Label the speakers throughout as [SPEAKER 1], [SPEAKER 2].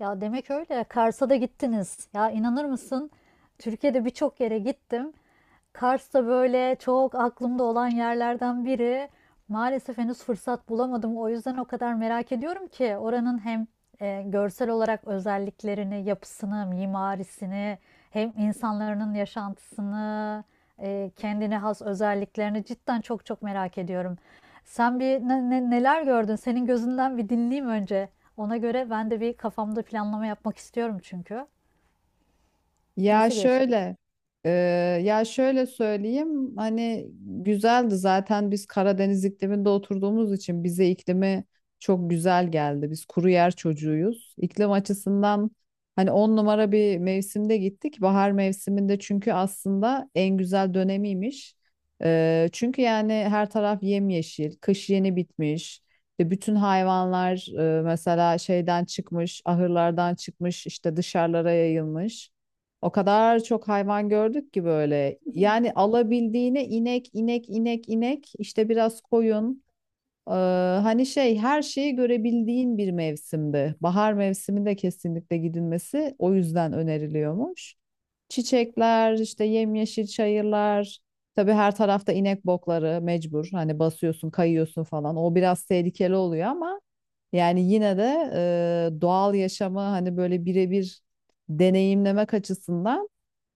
[SPEAKER 1] Ya demek öyle. Kars'a da gittiniz. Ya inanır mısın? Türkiye'de birçok yere gittim. Kars da böyle çok aklımda olan yerlerden biri. Maalesef henüz fırsat bulamadım. O yüzden o kadar merak ediyorum ki oranın hem görsel olarak özelliklerini, yapısını, mimarisini, hem insanların yaşantısını, kendine has özelliklerini cidden çok çok merak ediyorum. Sen bir neler gördün? Senin gözünden bir dinleyeyim önce. Ona göre ben de bir kafamda planlama yapmak istiyorum çünkü.
[SPEAKER 2] Ya
[SPEAKER 1] Nasıl geçti?
[SPEAKER 2] şöyle, e, ya şöyle söyleyeyim, güzeldi zaten biz Karadeniz ikliminde oturduğumuz için bize iklimi çok güzel geldi. Biz kuru yer çocuğuyuz. İklim açısından hani on numara bir mevsimde gittik. Bahar mevsiminde, çünkü aslında en güzel dönemiymiş. Çünkü yani her taraf yemyeşil, kış yeni bitmiş. İşte bütün hayvanlar mesela ahırlardan çıkmış, işte dışarılara yayılmış. O kadar çok hayvan gördük ki böyle. Yani alabildiğine inek, inek, inek, inek, işte biraz koyun. Ee, hani her şeyi görebildiğin bir mevsimdi. Bahar mevsiminde kesinlikle gidilmesi o yüzden öneriliyormuş. Çiçekler, işte yemyeşil çayırlar. Tabii her tarafta inek bokları mecbur. Hani basıyorsun, kayıyorsun falan. O biraz tehlikeli oluyor ama yani yine de doğal yaşamı hani böyle birebir deneyimlemek açısından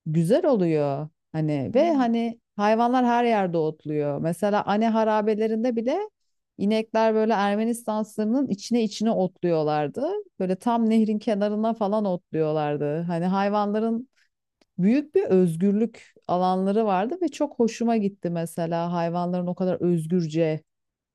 [SPEAKER 2] güzel oluyor. Hani ve
[SPEAKER 1] Hmm.
[SPEAKER 2] hani hayvanlar her yerde otluyor. Mesela Ane harabelerinde bile inekler böyle Ermenistan sınırının içine otluyorlardı. Böyle tam nehrin kenarına falan otluyorlardı. Hani hayvanların büyük bir özgürlük alanları vardı ve çok hoşuma gitti, mesela hayvanların o kadar özgürce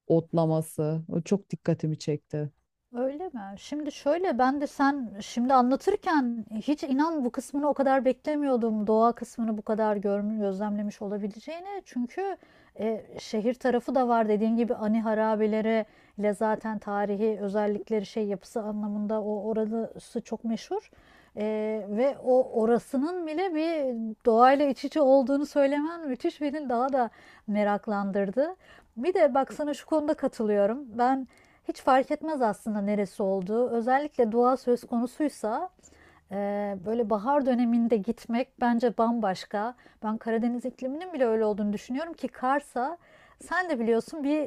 [SPEAKER 2] otlaması. O çok dikkatimi çekti.
[SPEAKER 1] Öyle mi? Şimdi şöyle ben de sen şimdi anlatırken hiç inan bu kısmını o kadar beklemiyordum. Doğa kısmını bu kadar görmüş, gözlemlemiş olabileceğini. Çünkü şehir tarafı da var dediğin gibi ani harabeleri ile zaten tarihi özellikleri şey yapısı anlamında o orası çok meşhur. E, ve o orasının bile bir doğayla iç içe olduğunu söylemen müthiş beni daha da meraklandırdı. Bir de bak sana şu konuda katılıyorum. Ben hiç fark etmez aslında neresi olduğu. Özellikle dua söz konusuysa böyle bahar döneminde gitmek bence bambaşka. Ben Karadeniz ikliminin bile öyle olduğunu düşünüyorum ki Kars'a sen de biliyorsun bir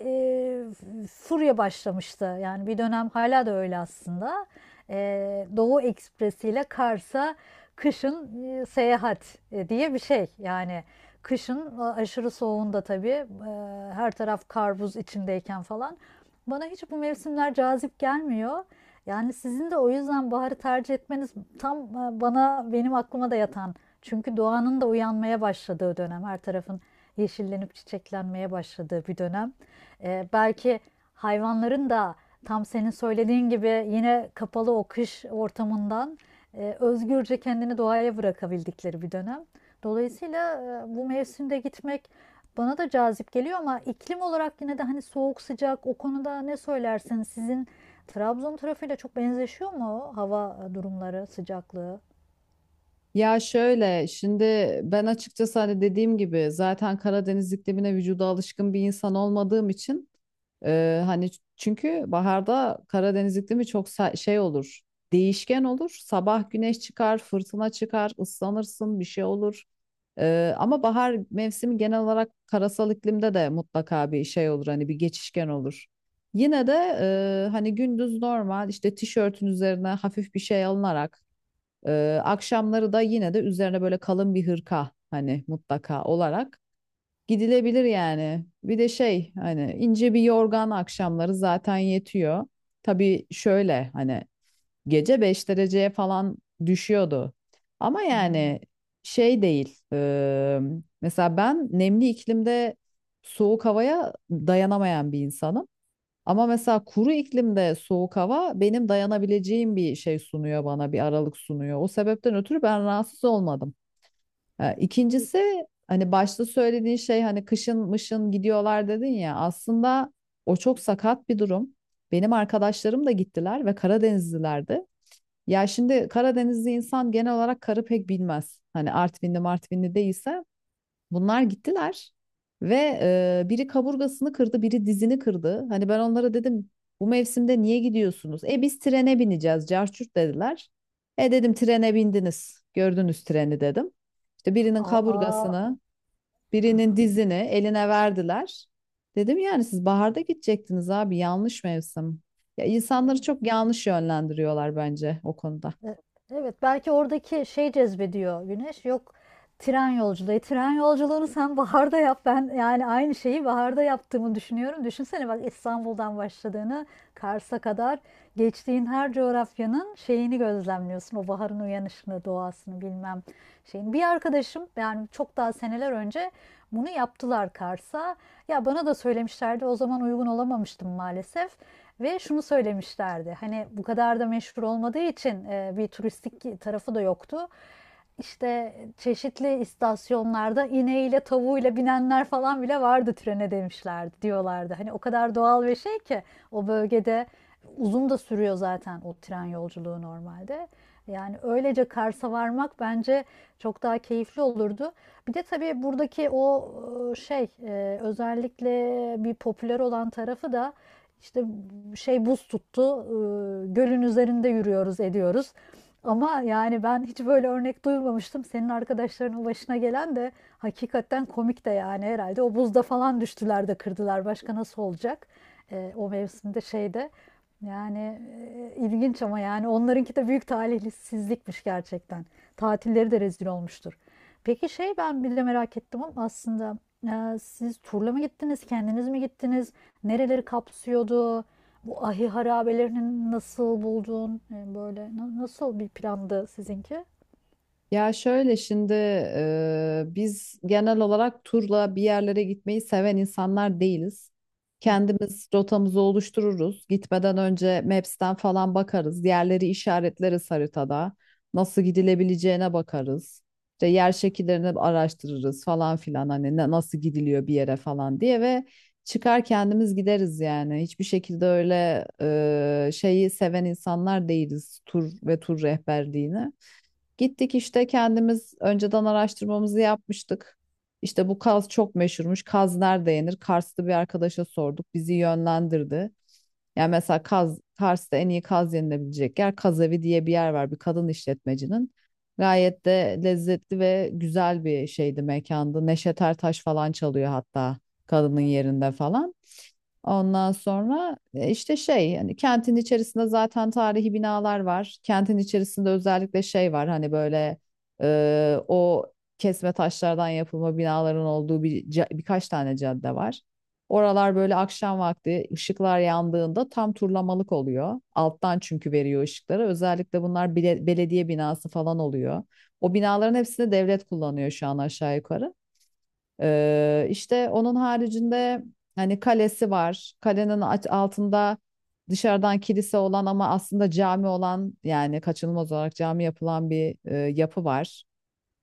[SPEAKER 1] furya başlamıştı. Yani bir dönem hala da öyle aslında. Doğu Ekspresi ile Kars'a kışın seyahat diye bir şey. Yani kışın aşırı soğuğunda tabii her taraf kar buz içindeyken falan. Bana hiç bu mevsimler cazip gelmiyor. Yani sizin de o yüzden baharı tercih etmeniz tam bana benim aklıma da yatan. Çünkü doğanın da uyanmaya başladığı dönem her tarafın yeşillenip çiçeklenmeye başladığı bir dönem. Belki hayvanların da tam senin söylediğin gibi yine kapalı o kış ortamından özgürce kendini doğaya bırakabildikleri bir dönem. Dolayısıyla bu mevsimde gitmek bana da cazip geliyor ama iklim olarak yine de hani soğuk sıcak o konuda ne söylersin? Sizin Trabzon tarafıyla çok benzeşiyor mu hava durumları, sıcaklığı?
[SPEAKER 2] Ya şöyle şimdi, ben açıkçası hani dediğim gibi zaten Karadeniz iklimine vücuda alışkın bir insan olmadığım için, çünkü baharda Karadeniz iklimi çok şey olur, değişken olur, sabah güneş çıkar, fırtına çıkar, ıslanırsın, bir şey olur. Ama bahar mevsimi genel olarak karasal iklimde de mutlaka bir şey olur, hani bir geçişken olur. Yine de hani gündüz normal işte tişörtün üzerine hafif bir şey alınarak, akşamları da yine de üzerine böyle kalın bir hırka hani mutlaka olarak gidilebilir yani. Bir de şey, hani ince bir yorgan akşamları zaten yetiyor. Tabii şöyle, hani gece 5 dereceye falan düşüyordu. Ama
[SPEAKER 1] Hmm.
[SPEAKER 2] yani şey değil. Mesela ben nemli iklimde soğuk havaya dayanamayan bir insanım. Ama mesela kuru iklimde soğuk hava benim dayanabileceğim bir şey sunuyor bana, bir aralık sunuyor. O sebepten ötürü ben rahatsız olmadım. Ha, İkincisi hani başta söylediğin şey, hani kışın mışın gidiyorlar dedin ya, aslında o çok sakat bir durum. Benim arkadaşlarım da gittiler ve Karadenizlilerdi. Ya şimdi Karadenizli insan genel olarak karı pek bilmez. Hani Artvinli Martvinli değilse. Bunlar gittiler ve biri kaburgasını kırdı, biri dizini kırdı. Hani ben onlara dedim bu mevsimde niye gidiyorsunuz? E biz trene bineceğiz, carçurt dediler. E dedim, trene bindiniz, gördünüz treni dedim. İşte birinin
[SPEAKER 1] Aa.
[SPEAKER 2] kaburgasını, birinin dizini eline verdiler. Dedim yani siz baharda gidecektiniz abi, yanlış mevsim. Ya insanları çok yanlış yönlendiriyorlar bence o konuda.
[SPEAKER 1] E- Evet, belki oradaki şey cezbediyor Güneş. Yok, tren yolculuğu. E, tren yolculuğunu sen baharda yap. Ben yani aynı şeyi baharda yaptığımı düşünüyorum. Düşünsene bak, İstanbul'dan başladığını Kars'a kadar geçtiğin her coğrafyanın şeyini gözlemliyorsun. O baharın uyanışını, doğasını bilmem şeyini. Bir arkadaşım yani çok daha seneler önce bunu yaptılar Kars'a. Ya bana da söylemişlerdi. O zaman uygun olamamıştım maalesef. Ve şunu söylemişlerdi. Hani bu kadar da meşhur olmadığı için bir turistik tarafı da yoktu. İşte çeşitli istasyonlarda ineğiyle tavuğuyla binenler falan bile vardı trene demişlerdi diyorlardı. Hani o kadar doğal bir şey ki o bölgede uzun da sürüyor zaten o tren yolculuğu normalde. Yani öylece Kars'a varmak bence çok daha keyifli olurdu. Bir de tabii buradaki o şey özellikle bir popüler olan tarafı da işte şey buz tuttu. Gölün üzerinde yürüyoruz, ediyoruz. Ama yani ben hiç böyle örnek duymamıştım. Senin arkadaşlarının başına gelen de hakikaten komik de yani herhalde. O buzda falan düştüler de kırdılar. Başka nasıl olacak? O mevsimde şeyde. Yani ilginç ama yani onlarınki de büyük talihsizlikmiş gerçekten. Tatilleri de rezil olmuştur. Peki şey ben bir de merak ettim ama aslında siz turla mı gittiniz, kendiniz mi gittiniz? Nereleri kapsıyordu? Bu ahi harabelerini nasıl buldun? Böyle nasıl bir plandı sizinki?
[SPEAKER 2] Biz genel olarak turla bir yerlere gitmeyi seven insanlar değiliz. Kendimiz rotamızı oluştururuz. Gitmeden önce Maps'ten falan bakarız. Yerleri işaretleriz haritada. Nasıl gidilebileceğine bakarız. İşte yer şekillerini araştırırız falan filan. Nasıl gidiliyor bir yere falan diye, ve çıkar kendimiz gideriz yani. Hiçbir şekilde öyle şeyi seven insanlar değiliz, tur ve tur rehberliğini. Gittik işte, kendimiz önceden araştırmamızı yapmıştık. İşte bu Kaz çok meşhurmuş. Kaz nerede yenir? Kars'ta bir arkadaşa sorduk. Bizi yönlendirdi. Yani mesela Kaz, Kars'ta en iyi kaz yenilebilecek yer Kaz diye bir yer var, bir kadın işletmecinin. Gayet de lezzetli ve güzel bir şeydi, mekandı. Neşet Ertaş falan çalıyor hatta kadının yerinde falan. Ondan sonra, hani kentin içerisinde zaten tarihi binalar var. Kentin içerisinde özellikle şey var, hani böyle o kesme taşlardan yapılma binaların olduğu birkaç tane cadde var. Oralar böyle akşam vakti ışıklar yandığında tam turlamalık oluyor. Alttan çünkü veriyor ışıkları. Özellikle belediye binası falan oluyor. O binaların hepsini devlet kullanıyor şu an aşağı yukarı. İşte onun haricinde hani kalesi var. Kalenin altında dışarıdan kilise olan ama aslında cami olan, yani kaçınılmaz olarak cami yapılan bir yapı var.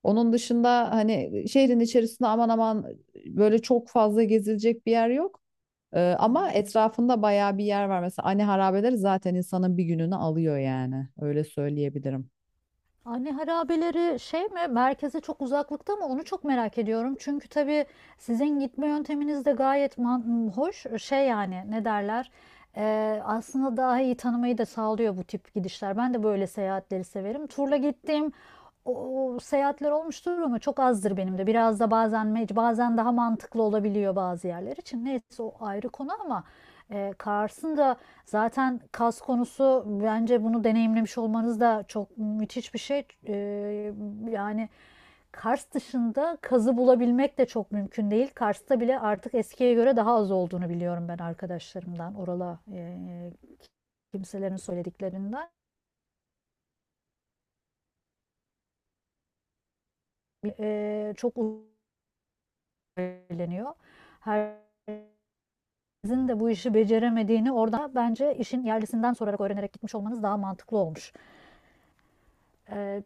[SPEAKER 2] Onun dışında hani şehrin içerisinde aman aman böyle çok fazla gezilecek bir yer yok. Ama etrafında bayağı bir yer var. Mesela Ani Harabeleri zaten insanın bir gününü alıyor yani. Öyle söyleyebilirim.
[SPEAKER 1] Anne harabeleri şey mi? Merkeze çok uzaklıkta mı? Onu çok merak ediyorum. Çünkü tabii sizin gitme yönteminiz de gayet hoş. E, şey yani ne derler? E, aslında daha iyi tanımayı da sağlıyor bu tip gidişler. Ben de böyle seyahatleri severim. Turla gittiğim o, seyahatler olmuştur ama çok azdır benim de. Biraz da bazen bazen daha mantıklı olabiliyor bazı yerler için. Neyse o ayrı konu ama Kars'ın da zaten Kaz konusu bence bunu deneyimlemiş olmanız da çok müthiş bir şey. E, yani Kars dışında Kaz'ı bulabilmek de çok mümkün değil. Kars'ta bile artık eskiye göre daha az olduğunu biliyorum ben arkadaşlarımdan, orala kimselerin söylediklerinden. E, çok eğleniyor. Her sizin de bu işi beceremediğini orada bence işin yerlisinden sorarak öğrenerek gitmiş olmanız daha mantıklı olmuş. Ee,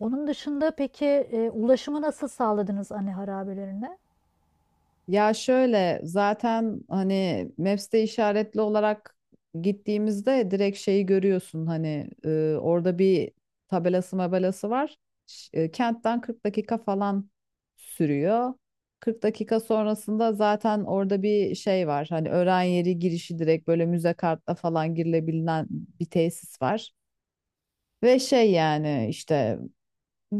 [SPEAKER 1] onun dışında peki ulaşımı nasıl sağladınız anne harabelerine?
[SPEAKER 2] Ya şöyle, zaten hani Maps'te işaretli olarak gittiğimizde direkt şeyi görüyorsun, hani orada bir tabelası mabelası var. Kentten 40 dakika falan sürüyor. 40 dakika sonrasında zaten orada bir şey var. Hani öğren yeri girişi direkt böyle müze kartla falan girilebilen bir tesis var. Ve şey, yani işte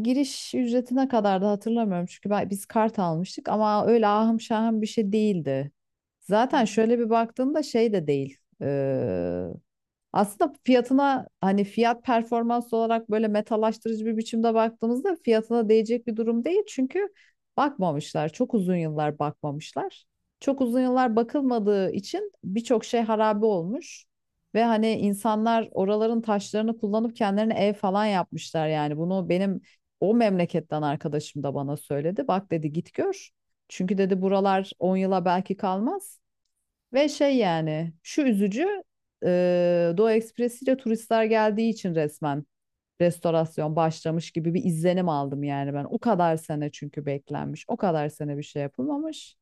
[SPEAKER 2] giriş ücretine kadar da hatırlamıyorum, biz kart almıştık ama öyle ahım şahım bir şey değildi.
[SPEAKER 1] Hı
[SPEAKER 2] Zaten
[SPEAKER 1] hı.
[SPEAKER 2] şöyle bir baktığımda şey de değil. Aslında fiyatına, hani fiyat performans olarak böyle metalaştırıcı bir biçimde baktığımızda fiyatına değecek bir durum değil. Çünkü bakmamışlar. Çok uzun yıllar bakmamışlar. Çok uzun yıllar bakılmadığı için birçok şey harabe olmuş. Ve hani insanlar oraların taşlarını kullanıp kendilerine ev falan yapmışlar yani. Bunu benim o memleketten arkadaşım da bana söyledi. Bak dedi, git gör. Çünkü dedi buralar 10 yıla belki kalmaz. Ve şey, yani şu üzücü: Doğu Ekspresi ile turistler geldiği için resmen restorasyon başlamış gibi bir izlenim aldım yani ben. O kadar sene çünkü beklenmiş. O kadar sene bir şey yapılmamış.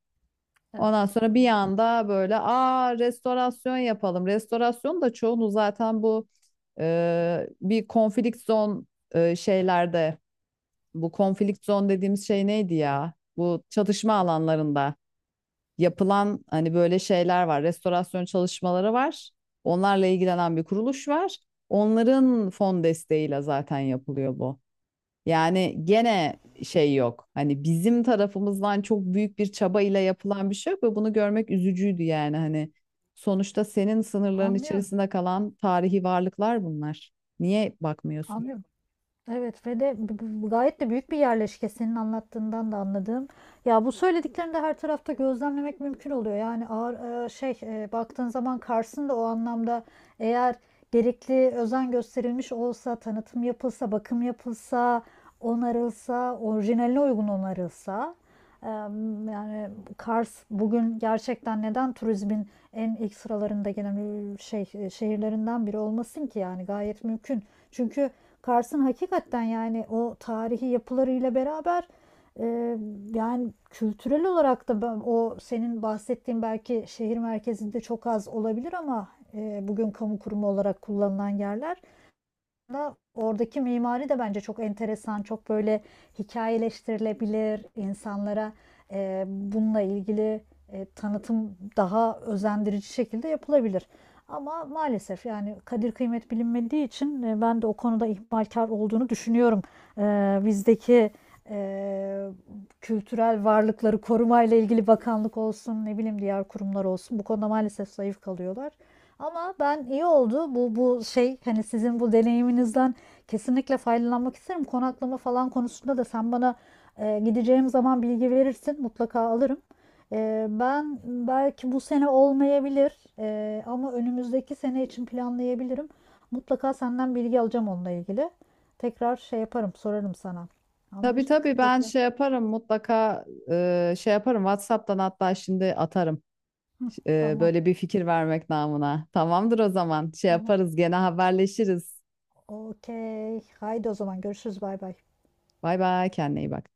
[SPEAKER 2] Ondan
[SPEAKER 1] Evet.
[SPEAKER 2] sonra bir anda böyle, aa, restorasyon yapalım. Restorasyon da çoğunu zaten bu e, bir konflikt zon e, şeylerde bu konflikt zone dediğimiz şey neydi ya? Bu çatışma alanlarında yapılan hani böyle şeyler var. Restorasyon çalışmaları var. Onlarla ilgilenen bir kuruluş var. Onların fon desteğiyle zaten yapılıyor bu. Yani gene şey yok. Hani bizim tarafımızdan çok büyük bir çaba ile yapılan bir şey yok, ve bunu görmek üzücüydü yani, hani sonuçta senin sınırların
[SPEAKER 1] Anlıyorum.
[SPEAKER 2] içerisinde kalan tarihi varlıklar bunlar. Niye bakmıyorsun?
[SPEAKER 1] Anlıyorum. Evet ve de gayet de büyük bir yerleşke senin anlattığından da anladığım. Ya bu söylediklerini de her tarafta gözlemlemek mümkün oluyor. Yani ağır şey baktığın zaman Kars'ın da o anlamda eğer gerekli özen gösterilmiş olsa, tanıtım yapılsa, bakım yapılsa, onarılsa, orijinaline uygun onarılsa e, yani Kars bugün gerçekten neden turizmin en ilk sıralarında gelen şey şehirlerinden biri olmasın ki yani gayet mümkün. Çünkü Kars'ın hakikaten yani o tarihi yapılarıyla beraber e, yani kültürel olarak da o senin bahsettiğin belki şehir merkezinde çok az olabilir ama bugün kamu kurumu olarak kullanılan yerler oradaki mimari de bence çok enteresan, çok böyle hikayeleştirilebilir insanlara bununla ilgili tanıtım daha özendirici şekilde yapılabilir. Ama maalesef yani kadir kıymet bilinmediği için ben de o konuda ihmalkar olduğunu düşünüyorum. Bizdeki e, kültürel varlıkları korumayla ilgili bakanlık olsun, ne bileyim diğer kurumlar olsun bu konuda maalesef zayıf kalıyorlar. Ama ben iyi oldu bu şey hani sizin bu deneyiminizden kesinlikle faydalanmak isterim. Konaklama falan konusunda da sen bana gideceğim zaman bilgi verirsin mutlaka alırım. E, ben belki bu sene olmayabilir ama önümüzdeki sene için planlayabilirim. Mutlaka senden bilgi alacağım onunla ilgili. Tekrar şey yaparım sorarım sana.
[SPEAKER 2] Tabii tabii,
[SPEAKER 1] Anlaştık
[SPEAKER 2] ben
[SPEAKER 1] tekrar.
[SPEAKER 2] şey yaparım mutlaka, e, şey yaparım WhatsApp'tan hatta şimdi atarım.
[SPEAKER 1] Tamam,
[SPEAKER 2] Böyle bir fikir vermek namına. Tamamdır o zaman. Şey
[SPEAKER 1] tamam.
[SPEAKER 2] yaparız, gene haberleşiriz.
[SPEAKER 1] Okey. Haydi o zaman görüşürüz, bay bay.
[SPEAKER 2] Bay bay, kendine iyi bak.